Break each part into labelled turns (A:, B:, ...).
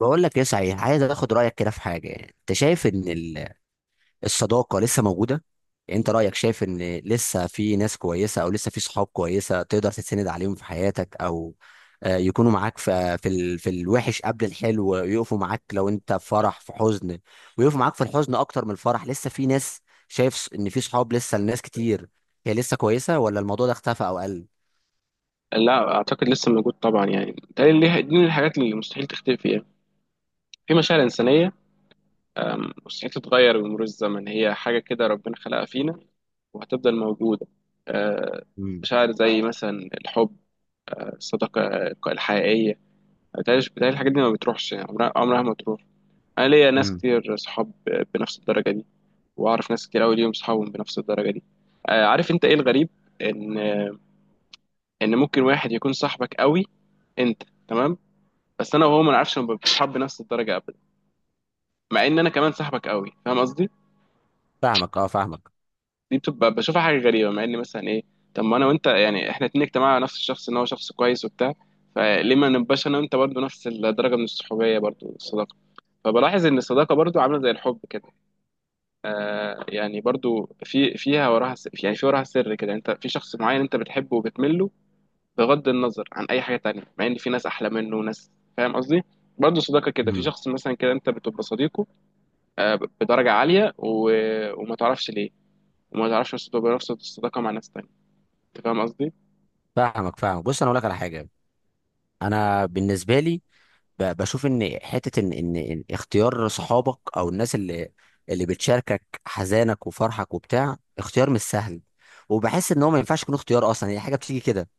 A: بقول لك ايه صحيح، عايز اخد رايك كده في حاجه. يعني انت شايف ان الصداقه لسه موجوده؟ يعني انت رايك، شايف ان لسه في ناس كويسه او لسه في صحاب كويسه تقدر تتسند عليهم في حياتك، او يكونوا معاك في في في الوحش قبل الحلو، يقفوا معاك لو انت في فرح في حزن، ويقفوا معاك في الحزن اكتر من الفرح. لسه في ناس، شايف ان في صحاب لسه لناس كتير؟ هي لسه كويسه ولا الموضوع ده اختفى او قل؟
B: لا اعتقد لسه موجود طبعا يعني تقريبا دي من الحاجات اللي مستحيل تختفي فيها. في مشاعر انسانيه مستحيل تتغير بمرور الزمن، هي حاجه كده ربنا خلقها فينا وهتفضل موجوده. أه،
A: امم.
B: مشاعر زي مثلا الحب، الصداقه الحقيقيه. بتهيألي الحاجات دي ما بتروحش، يعني عمرها عمرها ما تروح. انا ليا ناس
A: امم.
B: كتير صحاب بنفس الدرجه دي، واعرف ناس كتير قوي ليهم صحابهم بنفس الدرجه دي. عارف انت ايه الغريب؟ ان ان ممكن واحد يكون صاحبك قوي، انت تمام، بس انا وهو ما نعرفش نبقى بنحب نفس الدرجه ابدا، مع ان انا كمان صاحبك قوي، فاهم قصدي؟
A: فاهمك، اه فاهمك.
B: دي بتبقى بشوفها حاجه غريبه، مع ان مثلا ايه، طب ما انا وانت يعني احنا اتنين اجتماعنا على نفس الشخص ان هو شخص كويس وبتاع، فليه ما نبقاش انا وانت برضو نفس الدرجه من الصحوبيه برضو الصداقه. فبلاحظ ان الصداقه برضو عامله زي الحب كده، آه يعني برضو فيها وراها سر، يعني في وراها سر كده، انت في شخص معين انت بتحبه وبتمله بغض النظر عن اي حاجه تانية، مع ان في ناس احلى منه وناس، فاهم قصدي؟ برضو صداقه كده، في
A: امم.
B: شخص مثلا كده انت بتبقى صديقه آه، بدرجة عالية وما تعرفش ليه، وما تعرفش بس تبقى نفس الصداقة مع ناس تانية. انت فاهم قصدي؟
A: فاهمك فاهمك. بص، انا اقول لك على حاجه. انا بالنسبه لي بشوف ان حته ان ان إن اختيار صحابك او الناس اللي بتشاركك حزانك وفرحك وبتاع اختيار مش سهل. وبحس ان هو ما ينفعش يكون اختيار اصلا، هي حاجه بتيجي كده.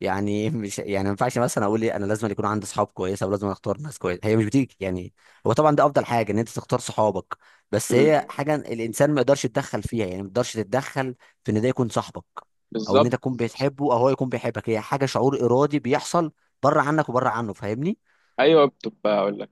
A: يعني مش يعني ما ينفعش مثلا اقول إيه، انا لازم يكون عندي صحاب كويسه ولازم اختار ناس كويسه، هي مش بتيجي يعني. هو طبعا ده افضل حاجه ان انت تختار صحابك، بس
B: مم.
A: هي حاجه الانسان ما يقدرش يتدخل فيها. يعني ما يقدرش تتدخل في ان ده يكون صاحبك او ان انت
B: بالظبط.
A: تكون بتحبه او هو يكون بيحبك، هي حاجه شعور ارادي بيحصل بره عنك وبره عنه، فاهمني؟
B: ايوه بتبقى اقول لك،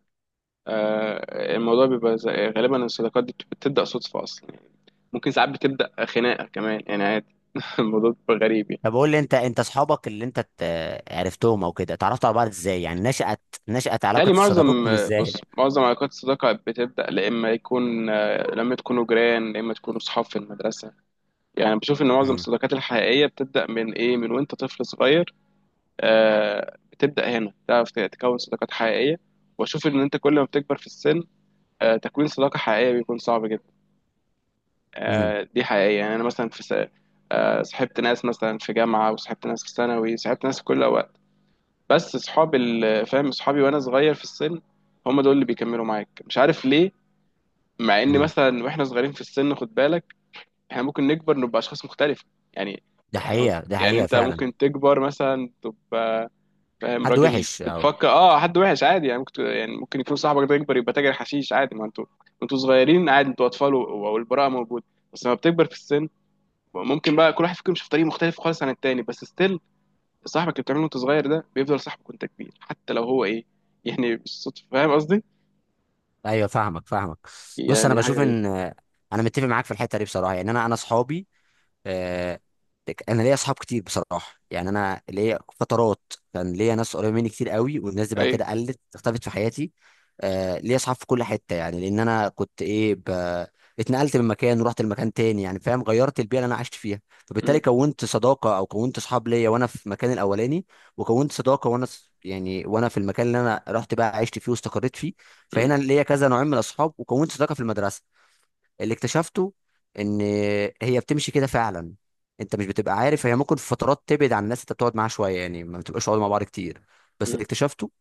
B: الموضوع بيبقى غالبا الصداقات دي بتبدأ صدفة اصلا يعني. ممكن ساعات بتبدأ خناقة كمان يعني عادي. الموضوع بيبقى غريب يعني.
A: طب قول لي انت اصحابك اللي انت عرفتهم او كده، اتعرفتوا على بعض ازاي؟ يعني نشأت
B: تالي
A: علاقة
B: معظم
A: صداقتكم
B: آه، بص
A: ازاي؟
B: معظم علاقات الصداقة بتبدأ، لا إما يكون لما تكونوا جيران، لا إما تكونوا صحاب في المدرسة. يعني بشوف إن معظم
A: امم.
B: الصداقات الحقيقية بتبدأ من إيه، من وأنت طفل صغير. بتبدأ هنا تعرف تكون صداقات حقيقية. وأشوف إن أنت كل ما بتكبر في السن، تكوين صداقة حقيقية بيكون صعب جدا.
A: امم.
B: دي حقيقية، يعني أنا مثلا صاحبت ناس مثلا في جامعة، وصاحبت ناس في ثانوي، صاحبت ناس في كل وقت. بس صحابي فاهم صحابي وأنا صغير في السن، هم دول اللي بيكملوا معاك مش عارف ليه. مع إن
A: امم.
B: مثلا وإحنا صغيرين في السن، خد بالك، إحنا ممكن نكبر نبقى أشخاص مختلفة، يعني
A: ده
B: إحنا،
A: حقيقة، ده
B: يعني
A: حقيقة
B: أنت
A: فعلا.
B: ممكن تكبر مثلا تبقى فاهم
A: حد
B: راجل
A: وحش او.
B: بتفكر حد وحش عادي، يعني ممكن، يعني ممكن يكون صاحبك ده يكبر يبقى تاجر حشيش عادي. ما انتوا انتوا صغيرين، عادي انتوا اطفال والبراءه موجوده. بس لما بتكبر في السن، ممكن بقى كل واحد فيكم يمشي في طريق مختلف خالص عن التاني، بس ستيل صاحبك اللي بتعمله وانت صغير ده بيفضل صاحبك وانت كبير، حتى لو هو ايه، يعني بالصدفه، فاهم قصدي؟
A: ايوه فاهمك فاهمك. بص انا
B: يعني حاجه
A: بشوف
B: غريبه.
A: ان، انا متفق معاك في الحتة دي بصراحة. يعني انا اصحابي، آه، انا ليا اصحاب كتير بصراحه. يعني انا ليا فترات كان ليا ناس قريبه مني كتير قوي، والناس دي بعد
B: ايوه.
A: كده قلت، اختفت في حياتي. ليا اصحاب في كل حته. يعني لان انا كنت ايه، اتنقلت من مكان ورحت لمكان تاني. يعني فاهم، غيرت البيئه اللي انا عشت فيها. فبالتالي
B: مم.
A: كونت صداقه او كونت اصحاب ليا وانا في المكان الاولاني، وكونت صداقه وانا يعني وانا في المكان اللي انا رحت بقى عشت فيه واستقريت فيه.
B: مم.
A: فهنا ليا كذا نوعين من الاصحاب. وكونت صداقه في المدرسه. اللي اكتشفته ان هي بتمشي كده فعلا، انت مش بتبقى عارف. هي ممكن في فترات تبعد عن الناس، انت بتقعد معاها شويه، يعني ما بتبقاش قاعد مع بعض كتير. بس اللي
B: مم.
A: اكتشفته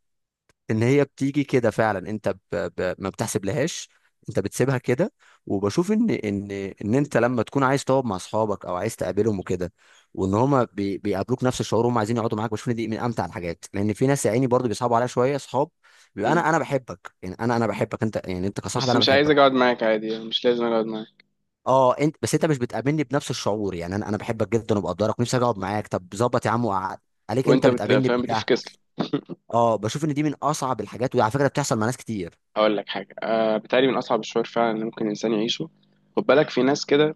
A: ان هي بتيجي كده فعلا، انت ما بتحسب لهاش، انت بتسيبها كده. وبشوف ان انت لما تكون عايز تقعد مع اصحابك او عايز تقابلهم وكده، وان هما بيقابلوك نفس الشعور وهم عايزين يقعدوا معاك، بشوف ان دي من امتع الحاجات. لان في ناس يا عيني برضه بيصعبوا عليها شويه اصحاب. بيبقى
B: مم.
A: انا بحبك، يعني انا بحبك انت، يعني انت كصاحب
B: بس
A: انا
B: مش عايز
A: بحبك.
B: اقعد معاك، عادي يعني مش لازم اقعد معاك.
A: اه انت، بس انت مش بتقابلني بنفس الشعور، يعني انا بحبك جدا وبقدرك ونفسي اجي اقعد معاك، طب ظبط يا عم وقعد عليك، انت
B: وانت
A: بتقابلني
B: فاهم
A: بك.
B: بتفكس لي.
A: اه بشوف ان دي من اصعب الحاجات، وعلى فكره بتحصل مع ناس كتير.
B: هقول لك حاجه، آه بتهيألي من اصعب الشعور فعلا اللي ممكن الانسان يعيشه. خد بالك، في ناس كده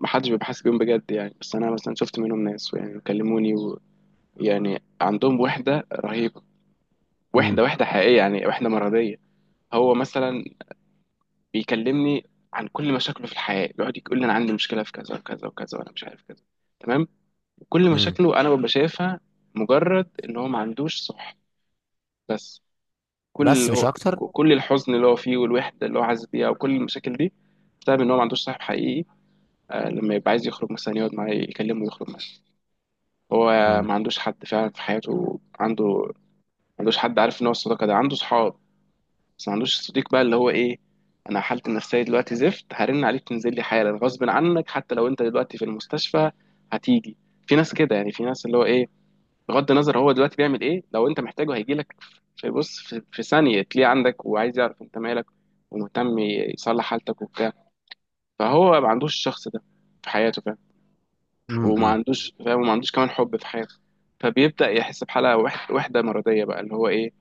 B: محدش بيبقى حاسس بيهم بجد، يعني بس انا مثلا شفت منهم ناس يعني كلموني يعني عندهم وحده رهيبه، وحده
A: امم.
B: وحده حقيقيه، يعني وحده مرضيه. هو مثلا بيكلمني عن كل مشاكله في الحياه، بيقعد يقول لي انا عندي مشكله في كذا وكذا وكذا وانا مش عارف كذا، تمام، كل
A: امم.
B: مشاكله انا ببقى شايفها مجرد ان هو ما عندوش صح. بس كل
A: بس مش اكتر.
B: كل الحزن اللي هو فيه والوحده اللي هو حاسس بيها وكل المشاكل دي بسبب ان هو ما عندوش صاحب حقيقي. لما يبقى عايز يخرج مثلا يقعد معاه يكلمه يخرج، هو
A: امم.
B: ما عندوش حد فعلا في حياته، عنده ما عندوش حد، عارف ان هو الصداقه ده عنده صحاب، بس ما عندوش صديق بقى اللي هو ايه. انا حالتي النفسيه دلوقتي زفت، هرن عليك تنزل لي حالا غصب عنك حتى لو انت دلوقتي في المستشفى هتيجي. في ناس كده يعني، في ناس اللي هو ايه بغض النظر هو دلوقتي بيعمل ايه لو انت محتاجه هيجي لك. في بص، في ثانيه تلاقيه عندك وعايز يعرف انت مالك ومهتم يصلح حالتك وبتاع. فهو ما عندوش الشخص ده في حياته، وما
A: امم.
B: عندوش فاهم، وما عندوش كمان حب في حياته. فبيبدأ يحس بحالة وحدة مرضية بقى اللي هو ايه.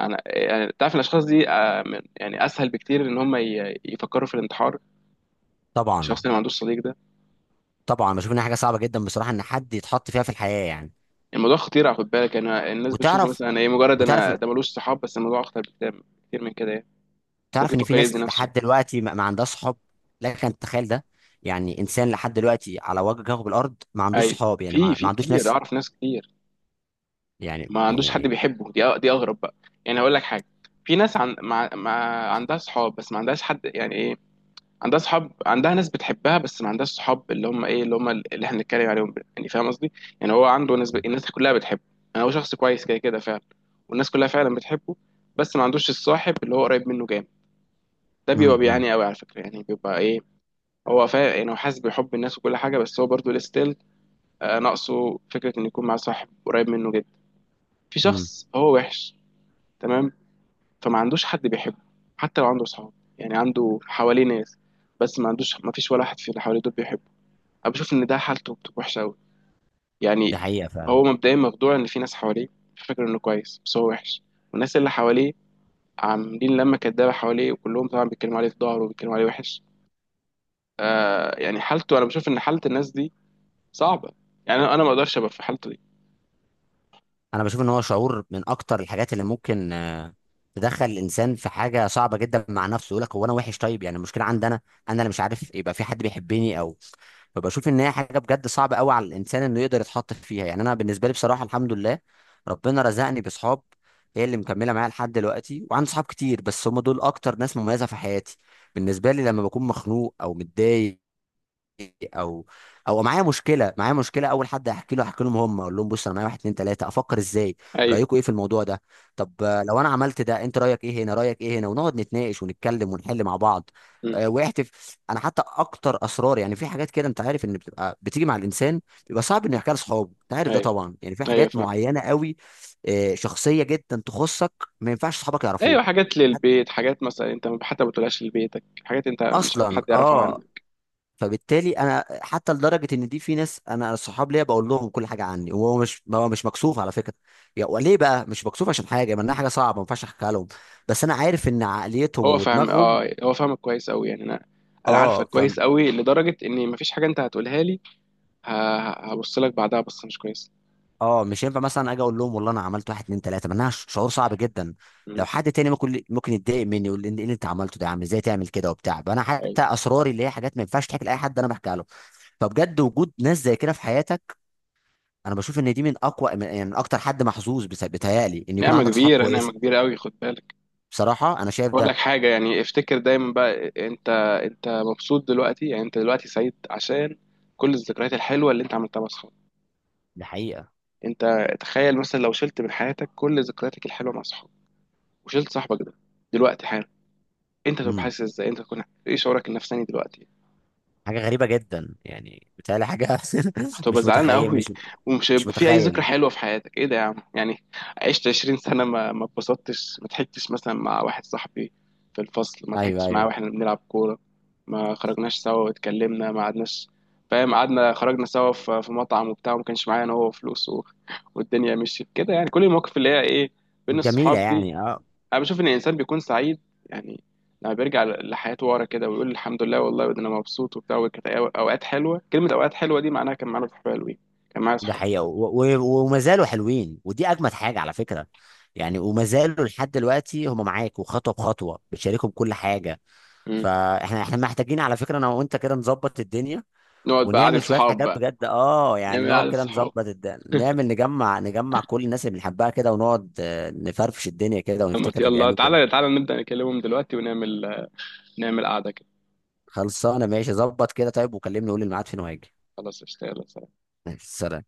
B: انا يعني تعرف الاشخاص دي، يعني اسهل بكتير ان هم يفكروا في الانتحار،
A: طبعا،
B: الشخص اللي ما عندوش صديق ده.
A: طبعا. بشوف انها حاجه صعبه جدا بصراحه ان حد يتحط فيها في الحياه يعني.
B: الموضوع خطير خد بالك، انا الناس بتشوفه
A: وتعرف
B: مثلا ايه، مجرد
A: وتعرف
B: انا ده ملوش صحاب، بس الموضوع اخطر بكتير كتير من كده يعني. ممكن
A: تعرف ان في
B: يفكر يأذي
A: ناس
B: نفسه.
A: لحد دلوقتي ما عندهاش صحاب. لك ان تتخيل ده؟ يعني انسان لحد دلوقتي على وجه كوكب الارض ما عندوش
B: ايوه
A: صحاب، يعني
B: في،
A: ما
B: في
A: عندوش
B: كتير
A: ناس.
B: اعرف ناس كتير
A: يعني
B: ما عندوش حد
A: يعني
B: بيحبه، دي اغرب بقى. يعني هقول لك حاجة، في ناس عندها صحاب بس ما عندهاش حد يعني ايه، عندها صحاب، عندها ناس بتحبها، بس ما عندهاش صحاب اللي هم ايه اللي هم اللي احنا بنتكلم عليهم، يعني فاهم قصدي. يعني هو عنده ناس الناس كلها بتحبه، يعني هو شخص كويس كده كده فعلا، والناس كلها فعلا بتحبه، بس ما عندوش الصاحب اللي هو قريب منه جامد. ده بيبقى
A: امم.
B: بيعاني قوي على فكرة، يعني بيبقى ايه، هو يعني هو حاسس بحب الناس وكل حاجة، بس هو برضه لستيل آه ناقصه فكرة انه يكون مع صاحب قريب منه جدا. في
A: امم.
B: شخص هو وحش، تمام، فما عندوش حد بيحبه حتى لو عنده صحاب، يعني عنده حواليه ناس، بس ما عندوش، ما فيش ولا واحد في اللي حواليه دول بيحبه. انا بشوف ان ده حالته بتبقى وحشه قوي
A: دي
B: يعني.
A: حقيقة فعلا.
B: هو مبدئيا مخدوع ان في ناس حواليه، فاكر انه كويس بس هو وحش، والناس اللي حواليه عاملين لما كدابه حواليه، وكلهم طبعا بيتكلموا عليه في ظهره وبيتكلموا عليه وحش. آه يعني حالته، انا بشوف ان حاله الناس دي صعبه، يعني انا، أنا ما اقدرش ابقى في حالته دي.
A: انا بشوف ان هو شعور من اكتر الحاجات اللي ممكن تدخل الانسان في حاجة صعبة جدا مع نفسه. يقول لك هو انا وحش، طيب يعني المشكلة عندي انا؟ انا اللي مش عارف يبقى في حد بيحبني او. فبشوف ان هي حاجة بجد صعبة قوي على الانسان انه يقدر يتحط فيها. يعني انا بالنسبة لي بصراحة، الحمد لله ربنا رزقني بصحاب هي اللي مكملة معايا لحد دلوقتي. وعندي صحاب كتير، بس هم دول اكتر ناس مميزة في حياتي. بالنسبة لي لما بكون مخنوق او متضايق، او او معايا مشكله، اول حد احكي لهم، هم اقول لهم بص انا معايا واحد اتنين تلاته، افكر ازاي؟
B: ايوه.
A: رايكم ايه في الموضوع ده؟ طب لو انا عملت ده انت رايك ايه هنا، رايك ايه هنا، ونقعد نتناقش ونتكلم ونحل مع بعض.
B: امم.
A: واحتف انا حتى اكتر اسرار، يعني في حاجات كده انت عارف ان بتبقى بتيجي مع الانسان، بيبقى صعب انه يحكيها لاصحابه. انت عارف ده
B: ايوه.
A: طبعا. يعني في
B: ايوه
A: حاجات
B: فاهم.
A: معينه قوي، شخصيه جدا تخصك، ما ينفعش صحابك يعرفوها
B: ايوه حاجات للبيت، حاجات مثلا انت حتى ما بتقولهاش لبيتك، حاجات انت مش عايز حد
A: اصلا،
B: يعرفها
A: اه.
B: عنك.
A: فبالتالي انا حتى لدرجه ان دي في ناس انا صحاب ليا بقول لهم كل حاجه عني، وهو مش مكسوف على فكره. يا وليه بقى مش مكسوف؟ عشان حاجه ما انها حاجه صعبه ما ينفعش احكيها لهم، بس انا عارف ان عقليتهم
B: هو فاهم،
A: ودماغهم.
B: اه هو فاهمك كويس قوي، يعني انا انا
A: اه
B: عارفك
A: ف
B: كويس قوي لدرجه ان مفيش حاجه انت هتقولها لي هبص لك بعدها بصة مش كويسة.
A: اه مش هينفع مثلا اجي اقول لهم والله انا عملت واحد اتنين تلاته، ما انها شعور صعب جدا. لو
B: مم.
A: حد تاني ممكن يتضايق مني يقول لي ايه اللي انت عملته ده يا عم، ازاي تعمل كده وبتاع. فانا حتى
B: أيوة.
A: اسراري اللي هي حاجات ما ينفعش تحكي لاي حد انا بحكيها له. فبجد وجود ناس زي كده في حياتك، انا بشوف ان دي من اقوى من يعني من اكتر، حد محظوظ بيتهيألي ان يكون
B: نعمة
A: عندك صحاب
B: كبيرة،
A: كويسه.
B: نعمة كبيرة قوي خد بالك.
A: بصراحه انا شايف
B: بقول لك
A: ده.
B: حاجة، يعني افتكر دايما بقى، انت انت مبسوط دلوقتي، يعني انت دلوقتي سعيد عشان كل الذكريات الحلوة اللي انت عملتها مع اصحابك.
A: دي حقيقه.
B: انت تخيل مثلا لو شلت من حياتك كل ذكرياتك الحلوة مع اصحابك، وشلت صاحبك ده دلوقتي حالا، انت تبقى
A: امم.
B: حاسس ازاي، انت تكون ايه شعورك النفساني دلوقتي؟
A: حاجه غريبه جدا، يعني بيتهيألي حاجه
B: هتبقى
A: مش
B: زعلان
A: متخيل
B: قوي،
A: مش
B: ومش
A: مش
B: هيبقى في اي ذكرى
A: متخيل
B: حلوه في حياتك، ايه ده يا عم يعني، عشت 20 سنه ما اتبسطتش، ما ضحكتش مثلا مع واحد صاحبي في الفصل، ما
A: ايوه
B: ضحكتش معاه
A: ايوه.
B: واحنا بنلعب كوره، ما خرجناش سوا واتكلمنا، ما قعدناش، فاهم، قعدنا خرجنا سوا في في مطعم وبتاع، وما كانش معايا انا هو فلوس. والدنيا مشيت كده. يعني كل المواقف اللي هي ايه بين
A: جميله
B: الصحاب دي،
A: يعني اه.
B: انا بشوف ان الانسان بيكون سعيد يعني لما بيرجع لحياته ورا كده، ويقول الحمد لله والله ده انا مبسوط وبتاع، وكانت اوقات حلوه، كلمه اوقات حلوه دي معناها كان معانا صحاب حلوين، كان معايا
A: ده
B: صحاب.
A: حقيقه، وما زالوا حلوين، ودي اجمد حاجه على فكره. يعني وما زالوا لحد دلوقتي هم معاك، وخطوه بخطوه بتشاركهم كل حاجه.
B: مم.
A: فاحنا محتاجين على فكره انا وانت كده نظبط الدنيا،
B: نقعد بقى قعده
A: ونعمل شويه
B: صحاب
A: حاجات
B: بقى،
A: بجد اه. يعني
B: نعمل
A: نقعد
B: قعده
A: كده
B: صحاب،
A: نظبط الد... نعمل نجمع كل الناس اللي بنحبها كده، ونقعد نفرفش الدنيا كده ونفتكر
B: يلا
A: الايام الجميله.
B: تعالى تعالى نبدا نكلمهم دلوقتي، ونعمل قعده كده.
A: خلصانه ماشي، ظبط كده. طيب وكلمني قول الميعاد فين وهاجي.
B: خلاص اشتغل.
A: سلام.